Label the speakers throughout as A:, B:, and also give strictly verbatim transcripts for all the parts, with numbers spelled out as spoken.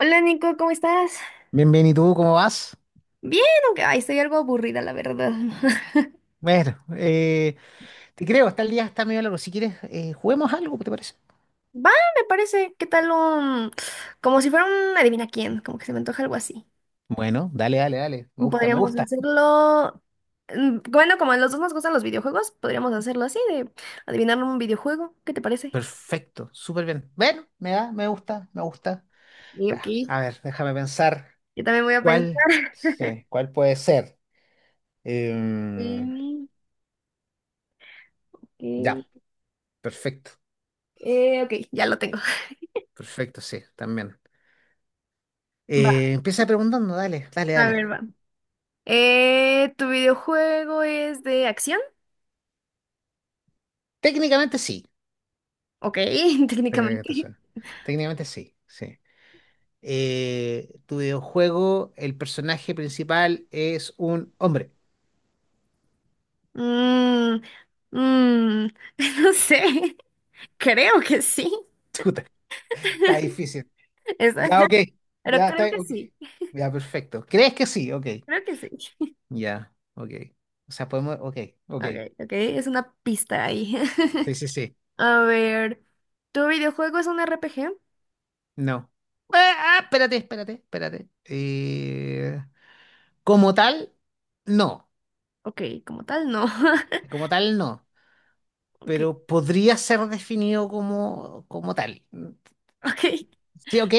A: Hola Nico, ¿cómo estás?
B: Bien, bien, ¿y tú cómo vas?
A: Bien, aunque ay, estoy algo aburrida, la verdad.
B: Bueno, eh, te creo, está el día, está medio largo. Si quieres, eh, juguemos algo, ¿te parece?
A: Va, me parece. ¿Qué tal un... como si fuera un adivina quién, como que se me antoja algo así.
B: Bueno, dale, dale, dale. Me gusta, me
A: Podríamos
B: gusta.
A: hacerlo... mm, Bueno, como a los dos nos gustan los videojuegos, podríamos hacerlo así, de adivinar un videojuego. ¿Qué te parece?
B: Perfecto, súper bien. Bueno, me da, me gusta, me gusta.
A: Y ok.
B: Ya, a ver, déjame pensar
A: Yo también voy a
B: cuál,
A: pensar.
B: sí, cuál puede ser. Em,
A: Mm, ok.
B: ya, perfecto,
A: Eh, ok, ya lo tengo.
B: perfecto, sí, también.
A: Va,
B: Eh, empieza preguntando, dale, dale,
A: a
B: dale.
A: ver, va. Eh, ¿tu videojuego es de acción?
B: Técnicamente sí,
A: Ok,
B: técnicamente
A: técnicamente.
B: suena. Técnicamente sí, sí. Eh, tu videojuego, el personaje principal es un hombre.
A: Mm, mm, no sé, creo que sí.
B: Chuta, está difícil.
A: Es-
B: Ya, ok.
A: pero
B: Ya está.
A: creo que
B: Ok.
A: sí,
B: Ya, perfecto. ¿Crees que sí? Ok.
A: creo que sí.
B: Ya, ok. O sea, podemos. Ok, ok.
A: Ok, ok, es una pista ahí.
B: Sí, sí, sí.
A: A ver, ¿tu videojuego es un R P G?
B: No. Ah, ah, espérate, espérate, espérate. Eh, como tal, no.
A: Ok, como tal, no.
B: Como tal, no.
A: Ok,
B: Pero podría ser definido como, como tal.
A: ok.
B: Sí, ok,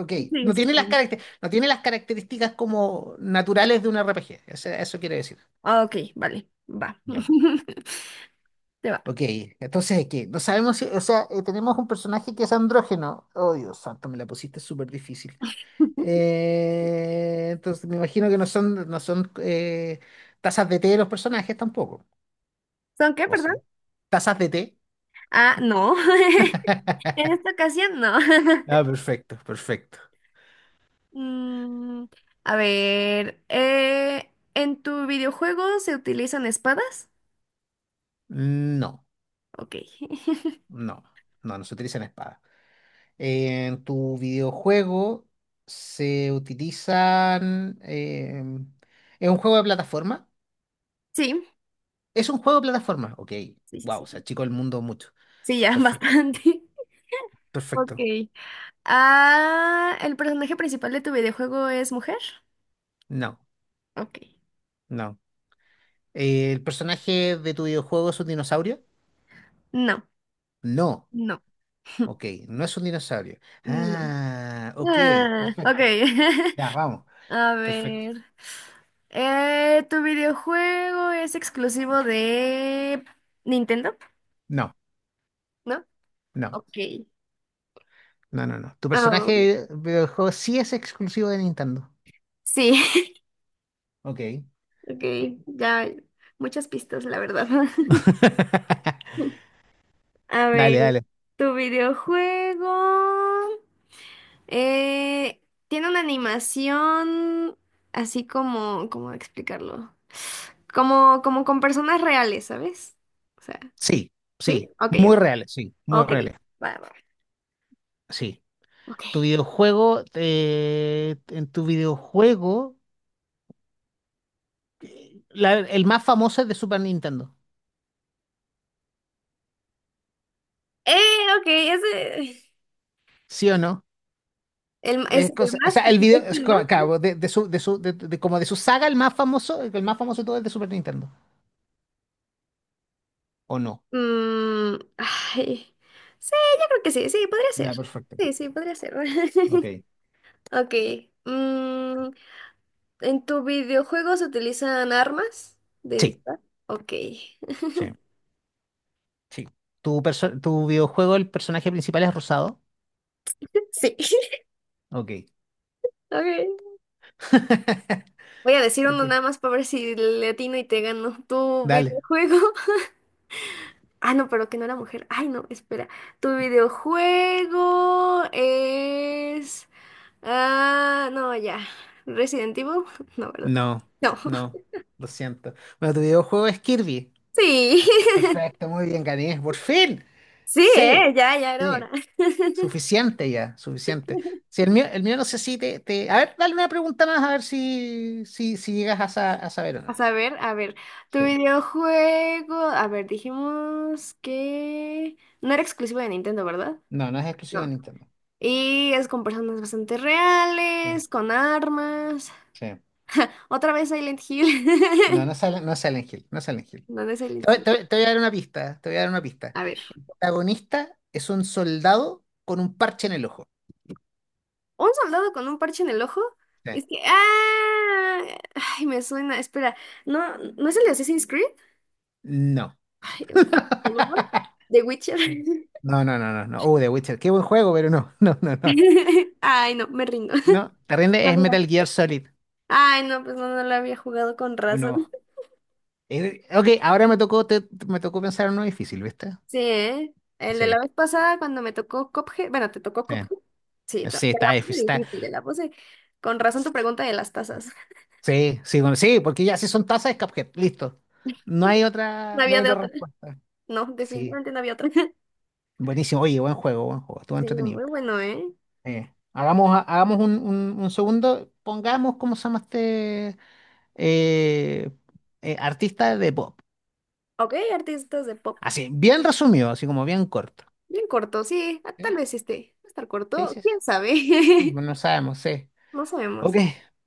B: ok.
A: Sí,
B: No
A: sí,
B: tiene
A: está
B: las
A: bien.
B: caracter- no tiene las características como naturales de un R P G. O sea, eso quiere decir.
A: Ah, ok, vale, va.
B: Ya.
A: Te va.
B: Ok, entonces, ¿qué? No sabemos si, o sea, eh, tenemos un personaje que es andrógeno. Oh, Dios santo, me la pusiste súper difícil. Eh, entonces, me imagino que no son, no son eh, tazas de té de los personajes tampoco.
A: ¿Son qué,
B: ¿O sí?
A: perdón?
B: ¿Tazas de té?
A: Ah, no. En esta ocasión, no.
B: Ah, perfecto, perfecto.
A: Mm, a ver, eh, ¿en tu videojuego se utilizan espadas?
B: No,
A: Ok.
B: no, no, no se utilizan espadas. En tu videojuego se utilizan, em, es un juego de plataforma.
A: Sí,
B: Es un juego de plataforma. Ok.
A: sí, sí,
B: Wow, se
A: sí.
B: achicó el mundo mucho.
A: Sí, ya,
B: Perfecto.
A: bastante. Ok.
B: Perfecto.
A: Ah, ¿el personaje principal de tu videojuego es mujer?
B: No,
A: Ok.
B: no. ¿El personaje de tu videojuego es un dinosaurio?
A: No,
B: No.
A: no,
B: Ok, no es un dinosaurio.
A: no.
B: Ah, ok.
A: Ah, ok.
B: Perfecto. Ya, vamos.
A: A
B: Perfecto.
A: ver. Eh, ¿tu videojuego es exclusivo de Nintendo?
B: No,
A: ¿No?
B: no,
A: Ok.
B: no, no, no. Tu
A: Ah,
B: personaje de videojuego sí es exclusivo de Nintendo.
A: sí.
B: Ok.
A: Ok, ya muchas pistas, la verdad. A ver,
B: Dale, dale.
A: tu videojuego eh, tiene una animación así como, ¿cómo explicarlo? Como, como con personas reales, ¿sabes? O sea,
B: Sí,
A: ¿sí?
B: sí.
A: Ok,
B: Muy
A: ok.
B: reales, sí. Muy
A: Ok,
B: reales,
A: va, va.
B: sí. Tu
A: Ok.
B: videojuego, eh, en tu videojuego, eh, la- el más famoso es de Super Nintendo,
A: Eh, ok, ese
B: ¿sí o no?
A: el, es
B: Es
A: el
B: cosa, o
A: más,
B: sea, el
A: es
B: video, es
A: el más.
B: co-
A: ¿No?
B: claro, de, de su, de su, de- de- como de su saga, el más famoso, el más famoso de todo es de Super Nintendo, ¿o no?
A: Mm, ay, sí, yo creo que sí, sí, podría ser.
B: Ya, perfecto.
A: Sí, sí, podría ser.
B: Ok.
A: Ok. Mm, ¿En tu videojuego se utilizan armas de
B: Sí,
A: disparo? Ok.
B: sí, sí. Tu, perso- tu videojuego, el personaje principal es rosado.
A: Sí.
B: Ok.
A: Ok. Voy a decir
B: Ok.
A: uno nada más para ver si le atino y te gano. ¿Tu
B: Dale.
A: videojuego? Ah, no, pero que no era mujer. Ay, no, espera. ¿Tu videojuego es... Ah, no, ya. ¿Resident Evil? No, ¿verdad?
B: No,
A: No.
B: no, lo siento. Bueno, tu videojuego es Kirby.
A: Sí.
B: Perfecto, muy bien, gané. Por fin.
A: Sí,
B: Sí,
A: ¿eh? Ya, ya era
B: sí.
A: hora.
B: Suficiente ya, suficiente. Si el mío, el mío no sé si te, te- a ver, dale una pregunta más a ver si, si, si llegas a, sa- a saber o no.
A: A saber, a ver, tu
B: Sí.
A: videojuego, a ver, dijimos que no era exclusivo de Nintendo, ¿verdad?
B: No, no es exclusivo de
A: No.
B: Nintendo.
A: Y es con personas bastante
B: Sí,
A: reales, con armas.
B: sí.
A: Otra vez Silent Hill.
B: No, no sale, no es Silent Hill, no es Silent Hill.
A: ¿Dónde es
B: Te
A: Silent
B: voy,
A: Hill?
B: te voy- te voy a dar una pista, te voy a dar una pista.
A: A ver,
B: El protagonista es un soldado con un parche en el ojo.
A: un soldado con un parche en el ojo.
B: Sí.
A: Es que, ah, ay, me suena. Espera, no, no es el de Assassin's Creed.
B: No.
A: Ay, ¿cómo se llamaba? The Witcher.
B: No, no, no, no, no. Uh, The Witcher. Qué buen juego, pero no, no, no, no.
A: Ay, no, me rindo.
B: No, te rinde, es Metal Gear Solid.
A: Ay, no, pues no, no lo había jugado con razón.
B: Uno. Eh, ok, ahora me tocó, te- me tocó pensar en uno difícil, ¿viste?
A: Sí, ¿eh? El de la
B: Sí,
A: vez pasada cuando me tocó Cuphead, bueno, te tocó
B: sí.
A: Cuphead. Sí, te la te
B: Sí, está
A: la puse
B: difícil. Está,
A: difícil, te la puse con razón tu pregunta de las tazas.
B: sí, sí, bueno, sí, porque ya si son tazas es Cuphead, listo. No hay
A: No
B: otra, no
A: había
B: hay
A: de
B: otra
A: otra.
B: respuesta.
A: No,
B: Sí,
A: definitivamente no había otra.
B: buenísimo. Oye, buen juego, buen juego. Estuvo
A: Sí,
B: entretenido.
A: muy bueno, ¿eh?
B: Eh, hagamos, hagamos un, un, un segundo. Pongamos, ¿cómo se llama este eh, eh, artista de pop?
A: Ok, artistas de pop.
B: Así, bien resumido, así como bien corto.
A: Bien corto, sí. ah, Tal
B: Sí,
A: vez este. Va a estar
B: sí,
A: corto,
B: sí, sí.
A: quién sabe.
B: No sabemos, sí.
A: No
B: Ok,
A: sabemos.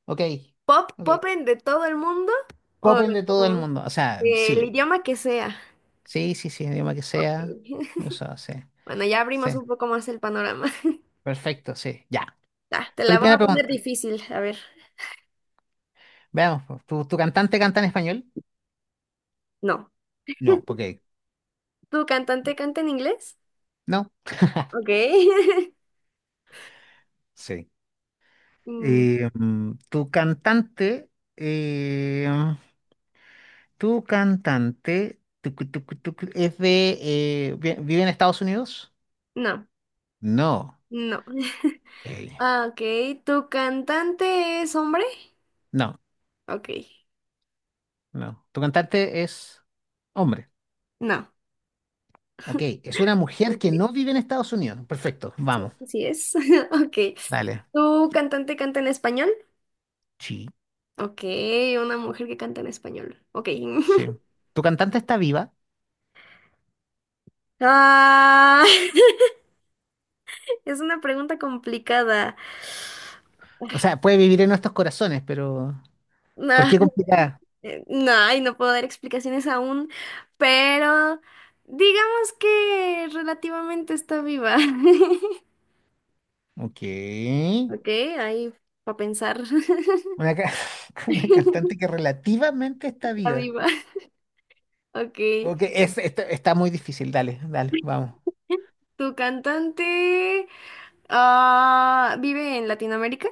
B: ok,
A: Pop,
B: ok.
A: popen de todo el mundo o
B: Popen de todo el
A: como
B: mundo. O sea,
A: del
B: sí,
A: idioma que sea.
B: sí, sí, sí, idioma que
A: Ok.
B: sea. O sea, sí,
A: Bueno, ya abrimos
B: sí.
A: un poco más el panorama.
B: Perfecto, sí. Ya.
A: Ya, te la voy
B: Primera
A: a poner
B: pregunta.
A: difícil, a ver.
B: Veamos, pues, ¿tu, tu cantante canta en español?
A: No.
B: No, porque
A: ¿Tu cantante canta en inglés?
B: no.
A: Ok.
B: Sí.
A: Mm,
B: Eh, mm, tu cantante, eh, tu cantante, tucu, tucu, tucu, ¿es de, eh, vi- vive en Estados Unidos?
A: No,
B: No.
A: no.
B: Ey,
A: Ah, ok, ¿tu cantante es hombre?
B: no,
A: Ok,
B: no. Tu cantante es hombre.
A: no.
B: Ok, es una mujer que
A: Ok,
B: no vive en Estados Unidos. Perfecto, vamos.
A: así es. Ok.
B: Dale.
A: ¿Tu cantante canta en español?
B: Sí,
A: Ok, una mujer que canta en español. Ok.
B: sí. Tu cantante está viva.
A: Ah, es una pregunta complicada.
B: O sea, puede vivir en nuestros corazones, pero ¿por
A: Ah,
B: qué complicada?
A: eh, no, ay, no puedo dar explicaciones aún, pero digamos que relativamente está viva.
B: Ok.
A: Ok, ahí para pensar.
B: Una, ca-
A: Está
B: una cantante que relativamente está viva.
A: viva. Ok.
B: Ok, es, está, está muy difícil. Dale, dale, vamos.
A: ¿Tu cantante ah, vive en Latinoamérica?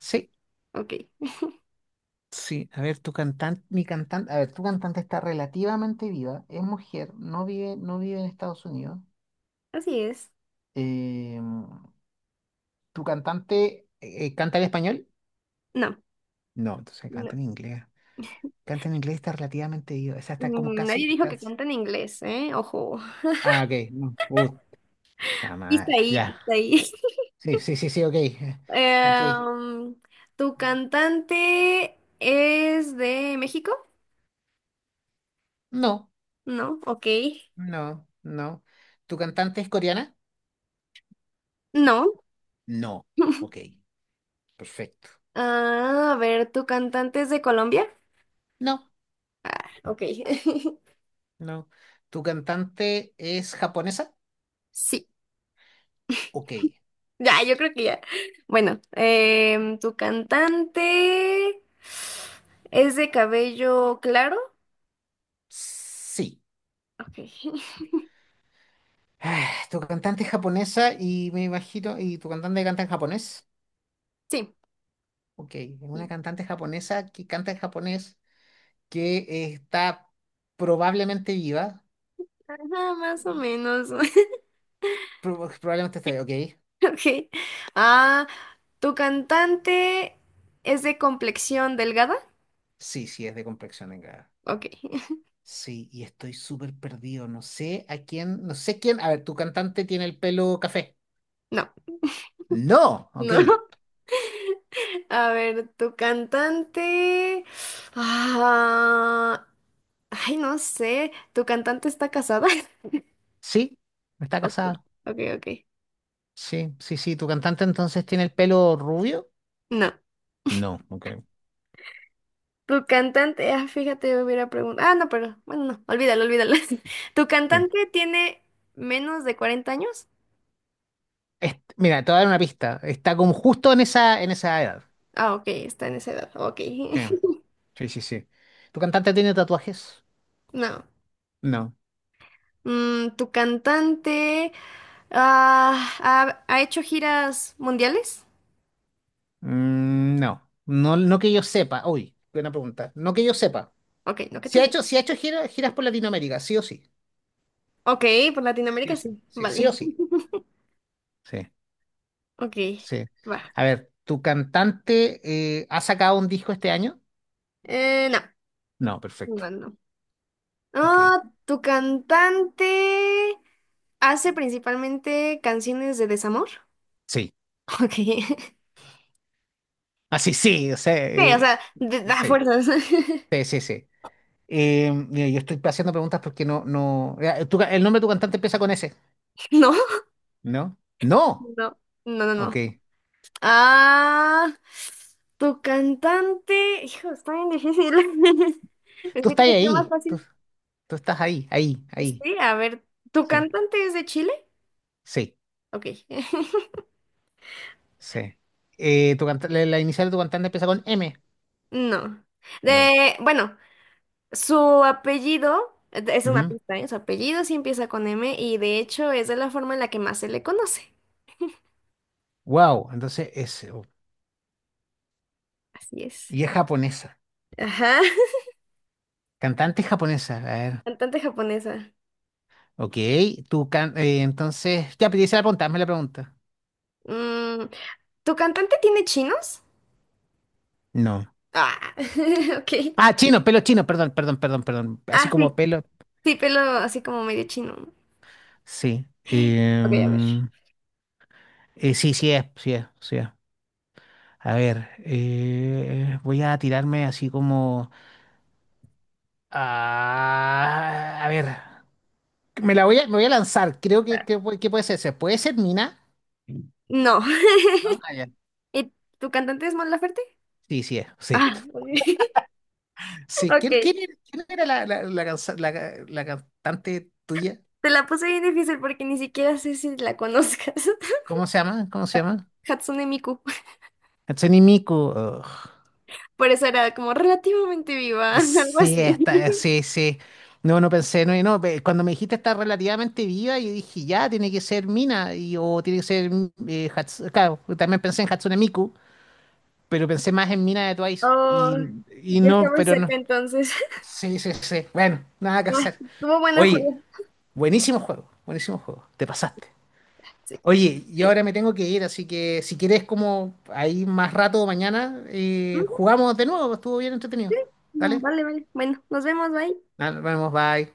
B: Sí,
A: Ok,
B: sí. A ver, tu cantante, mi cantante, a ver, tu cantante está relativamente viva, es mujer, no vive, no vive en Estados Unidos.
A: así es.
B: Eh, ¿Tu cantante eh, canta en español?
A: No,
B: No, entonces
A: no.
B: canta en inglés. Canta en inglés está relativamente ido. O sea, está como
A: Mm,
B: casi.
A: Nadie dijo que
B: estás-
A: canta en inglés, ¿eh? Ojo.
B: Ah, ok. No. Puta
A: Pista
B: madre.
A: ahí,
B: Ya.
A: pista ahí.
B: Sí, sí, sí, sí, ok. Eh, Ok.
A: Em, ¿Tu cantante es de México?
B: No,
A: No, ok.
B: no, no. ¿Tu cantante es coreana?
A: No.
B: No. Ok. Perfecto.
A: Ah, a ver, ¿tu cantante es de Colombia?
B: No,
A: Ok.
B: no. ¿Tu cantante es japonesa?
A: Sí.
B: Ok.
A: Ya, yo creo que ya. Bueno, em, ¿tu cantante es de cabello claro?
B: Sí.
A: Ok.
B: Ah, ¿tu cantante es japonesa y me imagino, y tu cantante canta en japonés?
A: Sí,
B: Ok, es una
A: sí.
B: cantante japonesa que canta en japonés, que eh, está probablemente viva.
A: Ajá, más o menos.
B: Pro- probablemente está viva, ok.
A: Ok. Ah, ¿tu cantante es de complexión delgada?
B: Sí, sí, es de complexión delgada.
A: Ok.
B: Sí, y estoy súper perdido. No sé a quién, no sé quién. A ver, tu cantante tiene el pelo café.
A: No,
B: No, ok.
A: no. A ver, tu cantante. Ah, ay, no sé. ¿Tu cantante está casada?
B: Sí, está
A: Ok,
B: casada.
A: ok, ok.
B: Sí, sí, sí. ¿Tu cantante entonces tiene el pelo rubio?
A: No.
B: No, ok.
A: Tu cantante. Ah, fíjate, yo hubiera preguntado. Ah, no, pero bueno, no. Olvídalo, olvídalo. ¿Tu
B: Sí.
A: cantante tiene menos de cuarenta años?
B: Est- mira, te voy a dar una pista. Está como justo en esa, en esa edad.
A: Ah, ok, está en esa edad. Ok.
B: Sí, sí, sí, sí. ¿Tu cantante tiene tatuajes?
A: No.
B: No.
A: Mm, ¿tu cantante ah, ha, ha hecho giras mundiales?
B: Mm, no, no, no que yo sepa. Uy, buena pregunta. No que yo sepa.
A: Ok, no que
B: Si ha
A: tú.
B: hecho, si ha hecho gira- giras por Latinoamérica, sí o sí.
A: Ok, por
B: Sí o
A: Latinoamérica
B: sí.
A: sí.
B: Sí, sí
A: Vale.
B: o sí. Sí,
A: Ok,
B: sí.
A: va.
B: A ver, ¿tu cantante eh, ha sacado un disco este año?
A: Eh, no,
B: No, perfecto.
A: no, no.
B: Ok.
A: Ah, ¿tu cantante hace principalmente canciones de desamor?
B: Sí.
A: Ok.
B: Ah, sí, sí, o sea,
A: Sí, o
B: eh,
A: sea, de, da
B: sí.
A: fuerzas.
B: Sí, sí, sí. Eh, mira, yo estoy haciendo preguntas porque no, no. Eh, tu ca- el nombre de tu cantante empieza con S.
A: No,
B: ¿No? No.
A: no, no, no, no.
B: Ok.
A: Ah, tu cantante. Hijo, está bien difícil.
B: Tú
A: Pensé que
B: estás
A: era más
B: ahí. Tú,
A: fácil.
B: tú estás ahí, ahí, ahí.
A: Sí, a ver, ¿tu
B: Sí.
A: cantante es de Chile?
B: Sí,
A: Ok.
B: sí. Eh, tu canta- la, la inicial de tu cantante empieza con M.
A: No.
B: No.
A: De, bueno. Su apellido, eh, es una pista, ¿eh? Su apellido sí empieza con eme y de hecho es de la forma en la que más se le conoce.
B: Wow, entonces es. oh,
A: Así es.
B: Y es japonesa.
A: Ajá,
B: Cantante japonesa. A ver.
A: cantante japonesa.
B: Ok, tu can- eh, entonces. Ya, pedí la pregunta, hazme la pregunta.
A: Mm, ¿Tu cantante tiene chinos?
B: No.
A: Ah, ok.
B: Ah, chino, pelo chino, perdón, perdón, perdón, perdón. Así
A: Ah, sí,
B: como pelo.
A: sí, pelo así como medio chino. ¿No?
B: Sí.
A: Ok, a ver.
B: Em, eh, sí, sí es, sí es, sí es. A ver, eh, voy a tirarme así como. Ah, a ver. Me la voy a, me voy a lanzar. Creo que,
A: Ah,
B: que, pu- que puede ser ese. ¿Puede ser Mina?
A: no.
B: ¿No? Ah, ya.
A: ¿Y tu cantante es Mon Laferte?
B: Sí, sí, es, sí.
A: Ah, ok.
B: Sí.
A: Ok.
B: ¿Quién, quién era, quién era la, la, la, cansa- la ca- la cantante tuya?
A: Te la puse bien difícil porque ni siquiera sé si la conozcas.
B: ¿Cómo se llama? ¿Cómo se llama?
A: Hatsune Miku.
B: Hatsune Miku. Ugh.
A: Por eso era como relativamente viva, algo
B: Sí,
A: así.
B: está, sí, sí. No, no pensé, no, no. pe- Cuando me dijiste está relativamente viva, yo dije, ya, tiene que ser Mina, y, o tiene que ser eh, Hats- claro, también pensé en Hatsune Miku, pero pensé más en Mina de Twice.
A: Oh,
B: Y, y
A: ya
B: no,
A: estamos
B: pero no.
A: cerca entonces.
B: Sí, sí, sí. Bueno, nada que
A: Ah,
B: hacer.
A: estuvo bueno el
B: Oye,
A: juego.
B: buenísimo juego, buenísimo juego, te pasaste.
A: Sí, creo.
B: Oye, yo ahora me tengo que ir, así que si quieres como ahí más rato mañana, eh,
A: Ujú,
B: jugamos de nuevo, estuvo bien
A: sí.
B: entretenido.
A: Mm,
B: ¿Dale?
A: Vale, vale. Bueno, nos vemos, bye.
B: Nos vemos, bye.